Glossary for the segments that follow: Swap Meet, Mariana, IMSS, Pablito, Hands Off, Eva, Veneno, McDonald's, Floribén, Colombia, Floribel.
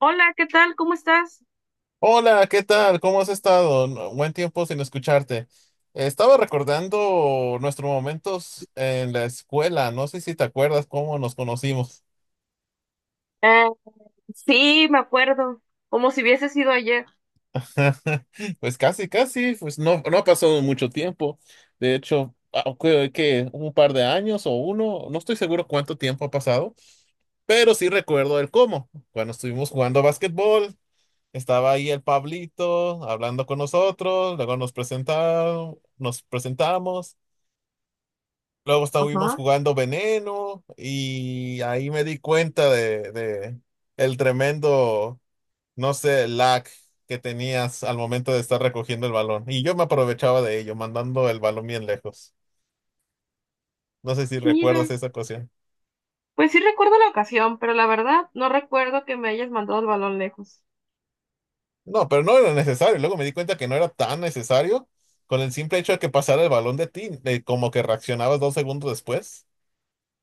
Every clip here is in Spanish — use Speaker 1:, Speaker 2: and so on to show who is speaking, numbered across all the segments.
Speaker 1: Hola, ¿qué tal? ¿Cómo estás?
Speaker 2: Hola, ¿qué tal? ¿Cómo has estado? Buen tiempo sin escucharte. Estaba recordando nuestros momentos en la escuela. No sé si te acuerdas cómo nos conocimos.
Speaker 1: Ah, sí, me acuerdo, como si hubiese sido ayer.
Speaker 2: Pues casi, casi, pues no, no ha pasado mucho tiempo. De hecho, que un par de años o uno, no estoy seguro cuánto tiempo ha pasado, pero sí recuerdo el cómo. Cuando estuvimos jugando básquetbol, estaba ahí el Pablito hablando con nosotros, luego nos presentaron, nos presentamos. Luego estuvimos
Speaker 1: Ajá.
Speaker 2: jugando Veneno y ahí me di cuenta de el tremendo, no sé, lag que tenías al momento de estar recogiendo el balón. Y yo me aprovechaba de ello, mandando el balón bien lejos. No sé si
Speaker 1: Mira,
Speaker 2: recuerdas esa ocasión.
Speaker 1: pues sí recuerdo la ocasión, pero la verdad no recuerdo que me hayas mandado el balón lejos.
Speaker 2: No, pero no era necesario. Luego me di cuenta que no era tan necesario con el simple hecho de que pasara el balón de ti, como que reaccionabas dos segundos después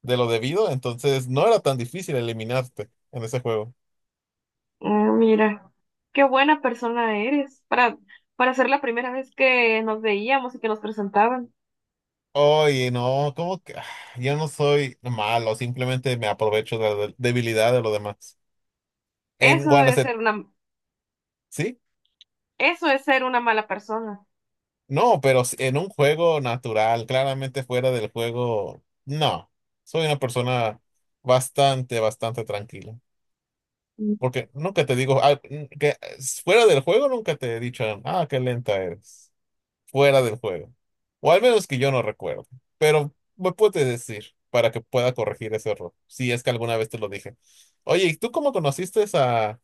Speaker 2: de lo debido. Entonces no era tan difícil eliminarte en ese juego.
Speaker 1: Ah, mira, qué buena persona eres para ser la primera vez que nos veíamos y que nos presentaban.
Speaker 2: Oye, no, como que yo no soy malo, simplemente me aprovecho de la debilidad de los demás. En
Speaker 1: Eso
Speaker 2: cuando
Speaker 1: es
Speaker 2: se,
Speaker 1: ser una,
Speaker 2: sí,
Speaker 1: Eso es ser una mala persona.
Speaker 2: no, pero en un juego natural, claramente fuera del juego, no. Soy una persona bastante, bastante tranquila.
Speaker 1: Mm.
Speaker 2: Porque nunca te digo, que fuera del juego nunca te he dicho, ah, qué lenta eres. Fuera del juego. O al menos que yo no recuerdo. Pero me puedes decir para que pueda corregir ese error, si es que alguna vez te lo dije. Oye, ¿y tú cómo conociste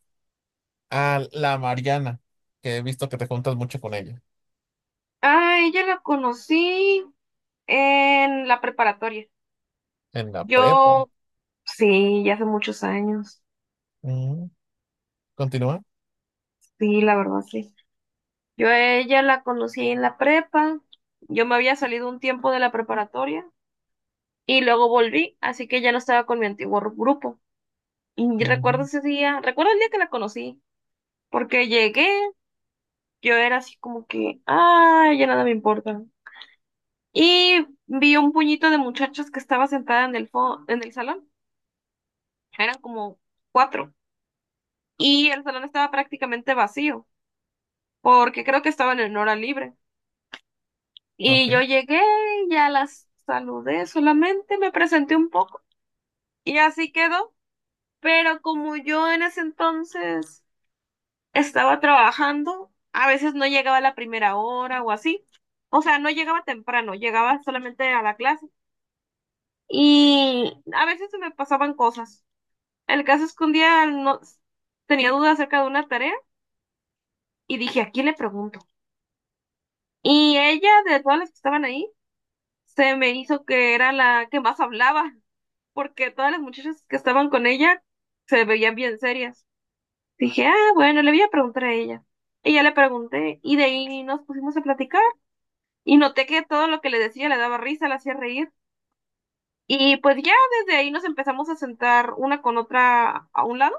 Speaker 2: a la Mariana? Que he visto que te juntas mucho con ella.
Speaker 1: Ah, ella la conocí en la preparatoria.
Speaker 2: En la prepa.
Speaker 1: Yo, sí, ya hace muchos años.
Speaker 2: Mm, ¿continúa?
Speaker 1: Sí, la verdad, sí. Yo a ella la conocí en la prepa, yo me había salido un tiempo de la preparatoria y luego volví, así que ya no estaba con mi antiguo grupo. Y
Speaker 2: Ujú.
Speaker 1: recuerdo el día que la conocí, porque llegué, yo era así como que, ah, ya nada me importa. Y vi un puñito de muchachas que estaba sentada en el en el salón, eran como cuatro, y el salón estaba prácticamente vacío, porque creo que estaban en hora libre. Y
Speaker 2: Ok.
Speaker 1: yo llegué, ya las saludé, solamente me presenté un poco y así quedó. Pero como yo en ese entonces estaba trabajando, a veces no llegaba a la primera hora o así. O sea, no llegaba temprano, llegaba solamente a la clase. Y a veces se me pasaban cosas. El caso es que un día no, tenía dudas acerca de una tarea y dije, ¿a quién le pregunto? Y ella, de todas las que estaban ahí, se me hizo que era la que más hablaba. Porque todas las muchachas que estaban con ella se veían bien serias. Dije, ah, bueno, le voy a preguntar a ella. Y ya le pregunté, y de ahí nos pusimos a platicar, y noté que todo lo que le decía le daba risa, le hacía reír. Y pues ya desde ahí nos empezamos a sentar una con otra a un lado,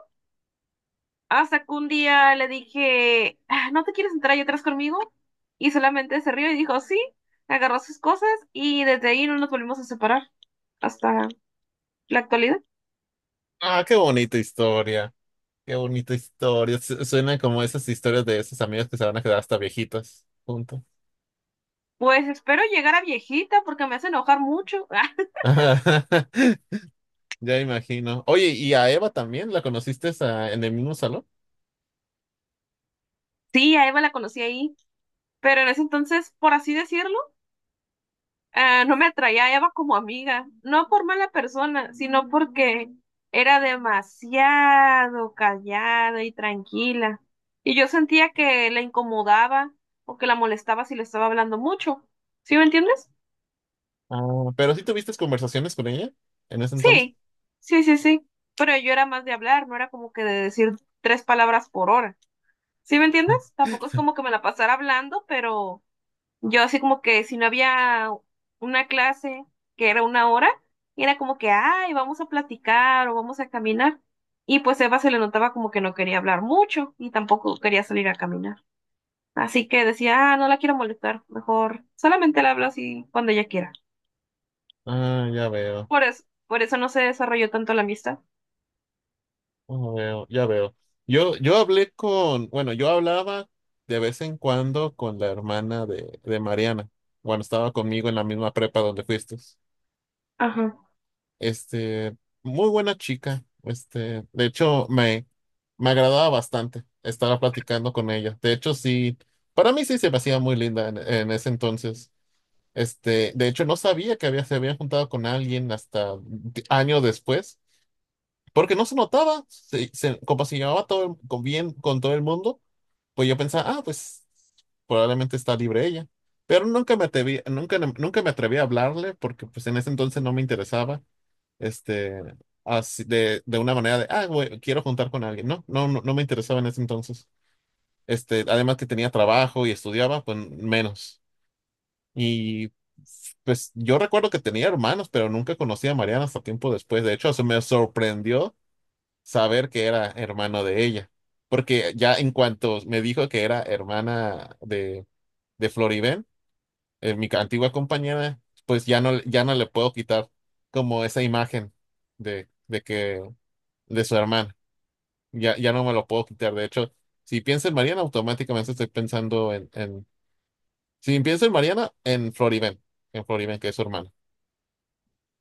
Speaker 1: hasta que un día le dije, "Ah, ¿no te quieres sentar ahí atrás conmigo?" Y solamente se rió y dijo, sí, agarró sus cosas, y desde ahí no nos volvimos a separar hasta la actualidad.
Speaker 2: Ah, qué bonita historia. Qué bonita historia. Suena como esas historias de esos amigos que se van a quedar hasta viejitos juntos.
Speaker 1: Pues espero llegar a viejita porque me hace enojar mucho. Ah,
Speaker 2: Ya imagino. Oye, ¿y a Eva también la conociste en el mismo salón?
Speaker 1: sí, a Eva la conocí ahí, pero en ese entonces, por así decirlo, ah, no me atraía a Eva como amiga, no por mala persona, sino porque era demasiado callada y tranquila. Y yo sentía que la incomodaba o que la molestaba si le estaba hablando mucho. ¿Sí me entiendes?
Speaker 2: Ah, pero sí tuviste conversaciones con ella en ese entonces.
Speaker 1: Sí, sí, sí, sí. Pero yo era más de hablar, no era como que de decir tres palabras por hora. ¿Sí me entiendes? Tampoco es como que me la pasara hablando, pero yo así como que si no había una clase que era una hora, era como que, ay, vamos a platicar o vamos a caminar. Y pues Eva se le notaba como que no quería hablar mucho y tampoco quería salir a caminar. Así que decía, ah, no la quiero molestar, mejor solamente la hablo así cuando ella quiera.
Speaker 2: Ah, ya veo,
Speaker 1: Por eso no se desarrolló tanto la amistad.
Speaker 2: ya veo, ya veo. Yo hablé con, bueno, yo hablaba de vez en cuando con la hermana de Mariana, cuando estaba conmigo en la misma prepa donde fuiste.
Speaker 1: Ajá.
Speaker 2: Este, muy buena chica. Este, de hecho, me agradaba bastante estar platicando con ella. De hecho, sí, para mí sí se me hacía muy linda en ese entonces. Este, de hecho, no sabía que había, se había juntado con alguien hasta años después, porque no se notaba, se, como se llevaba todo con bien con todo el mundo, pues yo pensaba, ah, pues probablemente está libre ella. Pero nunca me atreví, nunca, nunca me atreví a hablarle porque pues en ese entonces no me interesaba, este, así de una manera de, ah, güey, quiero juntar con alguien. No, no, no, no me interesaba en ese entonces. Este, además que tenía trabajo y estudiaba, pues menos. Y pues yo recuerdo que tenía hermanos, pero nunca conocí a Mariana hasta tiempo después. De hecho, se me sorprendió saber que era hermano de ella, porque ya en cuanto me dijo que era hermana de Floribén, mi antigua compañera, pues ya no, ya no le puedo quitar como esa imagen de que de su hermana. Ya, ya no me lo puedo quitar. De hecho, si pienso en Mariana, automáticamente estoy pensando en si pienso en Mariana, en Floribén, que es su hermana.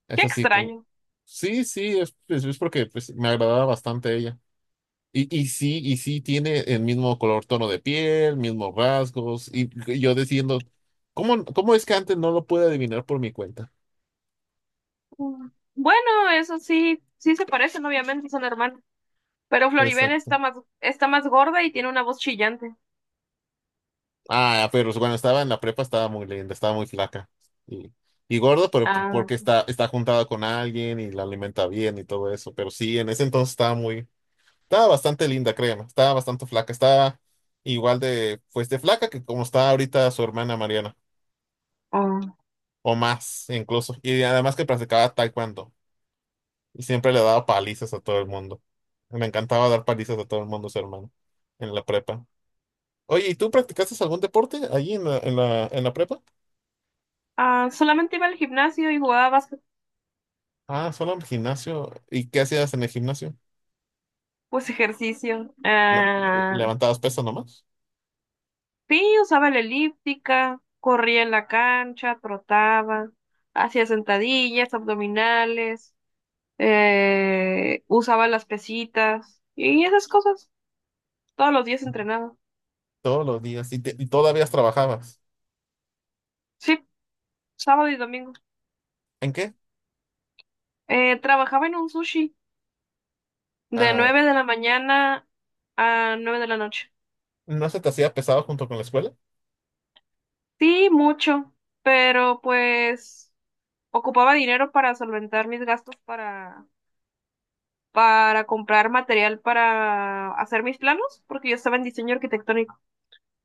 Speaker 2: Es
Speaker 1: Qué
Speaker 2: así como,
Speaker 1: extraño.
Speaker 2: sí, sí, es, es porque pues, me agradaba bastante ella. Y sí tiene el mismo color, tono de piel, mismos rasgos, y yo diciendo, ¿cómo, cómo es que antes no lo pude adivinar por mi cuenta?
Speaker 1: Mm. Bueno, eso sí, sí se parecen, obviamente, son hermanos. Pero Floribel
Speaker 2: Exacto.
Speaker 1: está más gorda y tiene una voz chillante.
Speaker 2: Ah, pero cuando estaba en la prepa estaba muy linda, estaba muy flaca. Y, y gorda, pero
Speaker 1: Ah,
Speaker 2: porque está, está juntada con alguien y la alimenta bien y todo eso. Pero sí, en ese entonces estaba muy, estaba bastante linda, créeme. Estaba bastante flaca. Estaba igual de, pues de flaca que como está ahorita su hermana Mariana.
Speaker 1: oh.
Speaker 2: O más, incluso. Y además que practicaba taekwondo. Y siempre le daba palizas a todo el mundo. Me encantaba dar palizas a todo el mundo, su hermano, en la prepa. Oye, ¿y tú practicaste algún deporte allí en la, en la, en la prepa?
Speaker 1: Ah, solamente iba al gimnasio y jugaba básquet,
Speaker 2: Ah, solo en el gimnasio. ¿Y qué hacías en el gimnasio?
Speaker 1: pues ejercicio.
Speaker 2: No,
Speaker 1: Ah,
Speaker 2: levantabas pesas nomás.
Speaker 1: sí, usaba la elíptica, corría en la cancha, trotaba, hacía sentadillas, abdominales, usaba las pesitas y esas cosas. Todos los días entrenaba.
Speaker 2: Todos los días. ¿Y, y todavía trabajabas?
Speaker 1: Sí, sábado y domingo.
Speaker 2: ¿En qué?
Speaker 1: Trabajaba en un sushi de
Speaker 2: Ah,
Speaker 1: 9 de la mañana a 9 de la noche.
Speaker 2: ¿No se te hacía pesado junto con la escuela?
Speaker 1: Sí, mucho, pero pues ocupaba dinero para solventar mis gastos para comprar material para hacer mis planos, porque yo estaba en diseño arquitectónico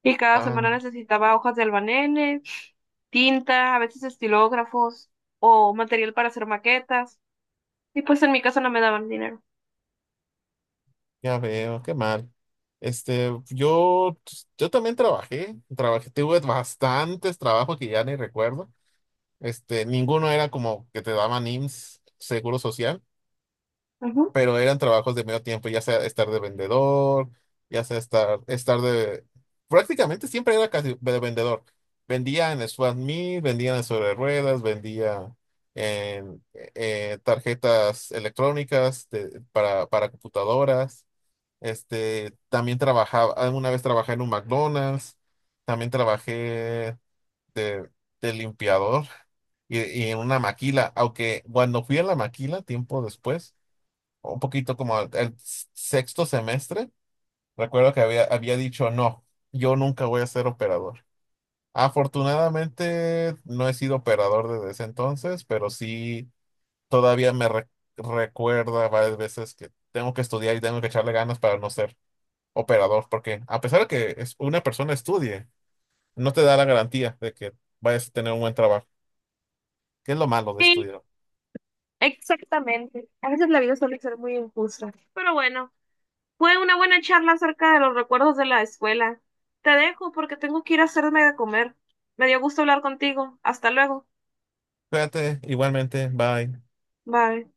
Speaker 1: y cada semana
Speaker 2: Ah,
Speaker 1: necesitaba hojas de albanene, tinta, a veces estilógrafos o material para hacer maquetas y pues en mi casa no me daban dinero.
Speaker 2: ya veo, qué mal. Este, yo también trabajé, trabajé, tuve bastantes trabajos que ya ni recuerdo. Este, ninguno era como que te daban IMSS, Seguro Social,
Speaker 1: Ujú.
Speaker 2: pero eran trabajos de medio tiempo, ya sea estar de vendedor, ya sea estar, estar de, prácticamente siempre era casi de vendedor. Vendía en Swap Meet, vendía en sobre ruedas, vendía en tarjetas electrónicas para computadoras. Este, también trabajaba, alguna vez trabajé en un McDonald's, también trabajé de, de limpiador y en una maquila, aunque cuando fui a la maquila tiempo después, un poquito como al, al sexto semestre, recuerdo que había, había dicho, no, yo nunca voy a ser operador. Afortunadamente no he sido operador desde ese entonces, pero sí todavía me recuerda varias veces que tengo que estudiar y tengo que echarle ganas para no ser operador, porque a pesar de que una persona estudie, no te da la garantía de que vayas a tener un buen trabajo, que es lo malo de
Speaker 1: Sí,
Speaker 2: estudiar.
Speaker 1: exactamente. A veces la vida suele ser muy injusta, pero bueno. Fue una buena charla acerca de los recuerdos de la escuela. Te dejo porque tengo que ir a hacerme de comer. Me dio gusto hablar contigo. Hasta luego.
Speaker 2: Cuídate, igualmente, bye.
Speaker 1: Bye.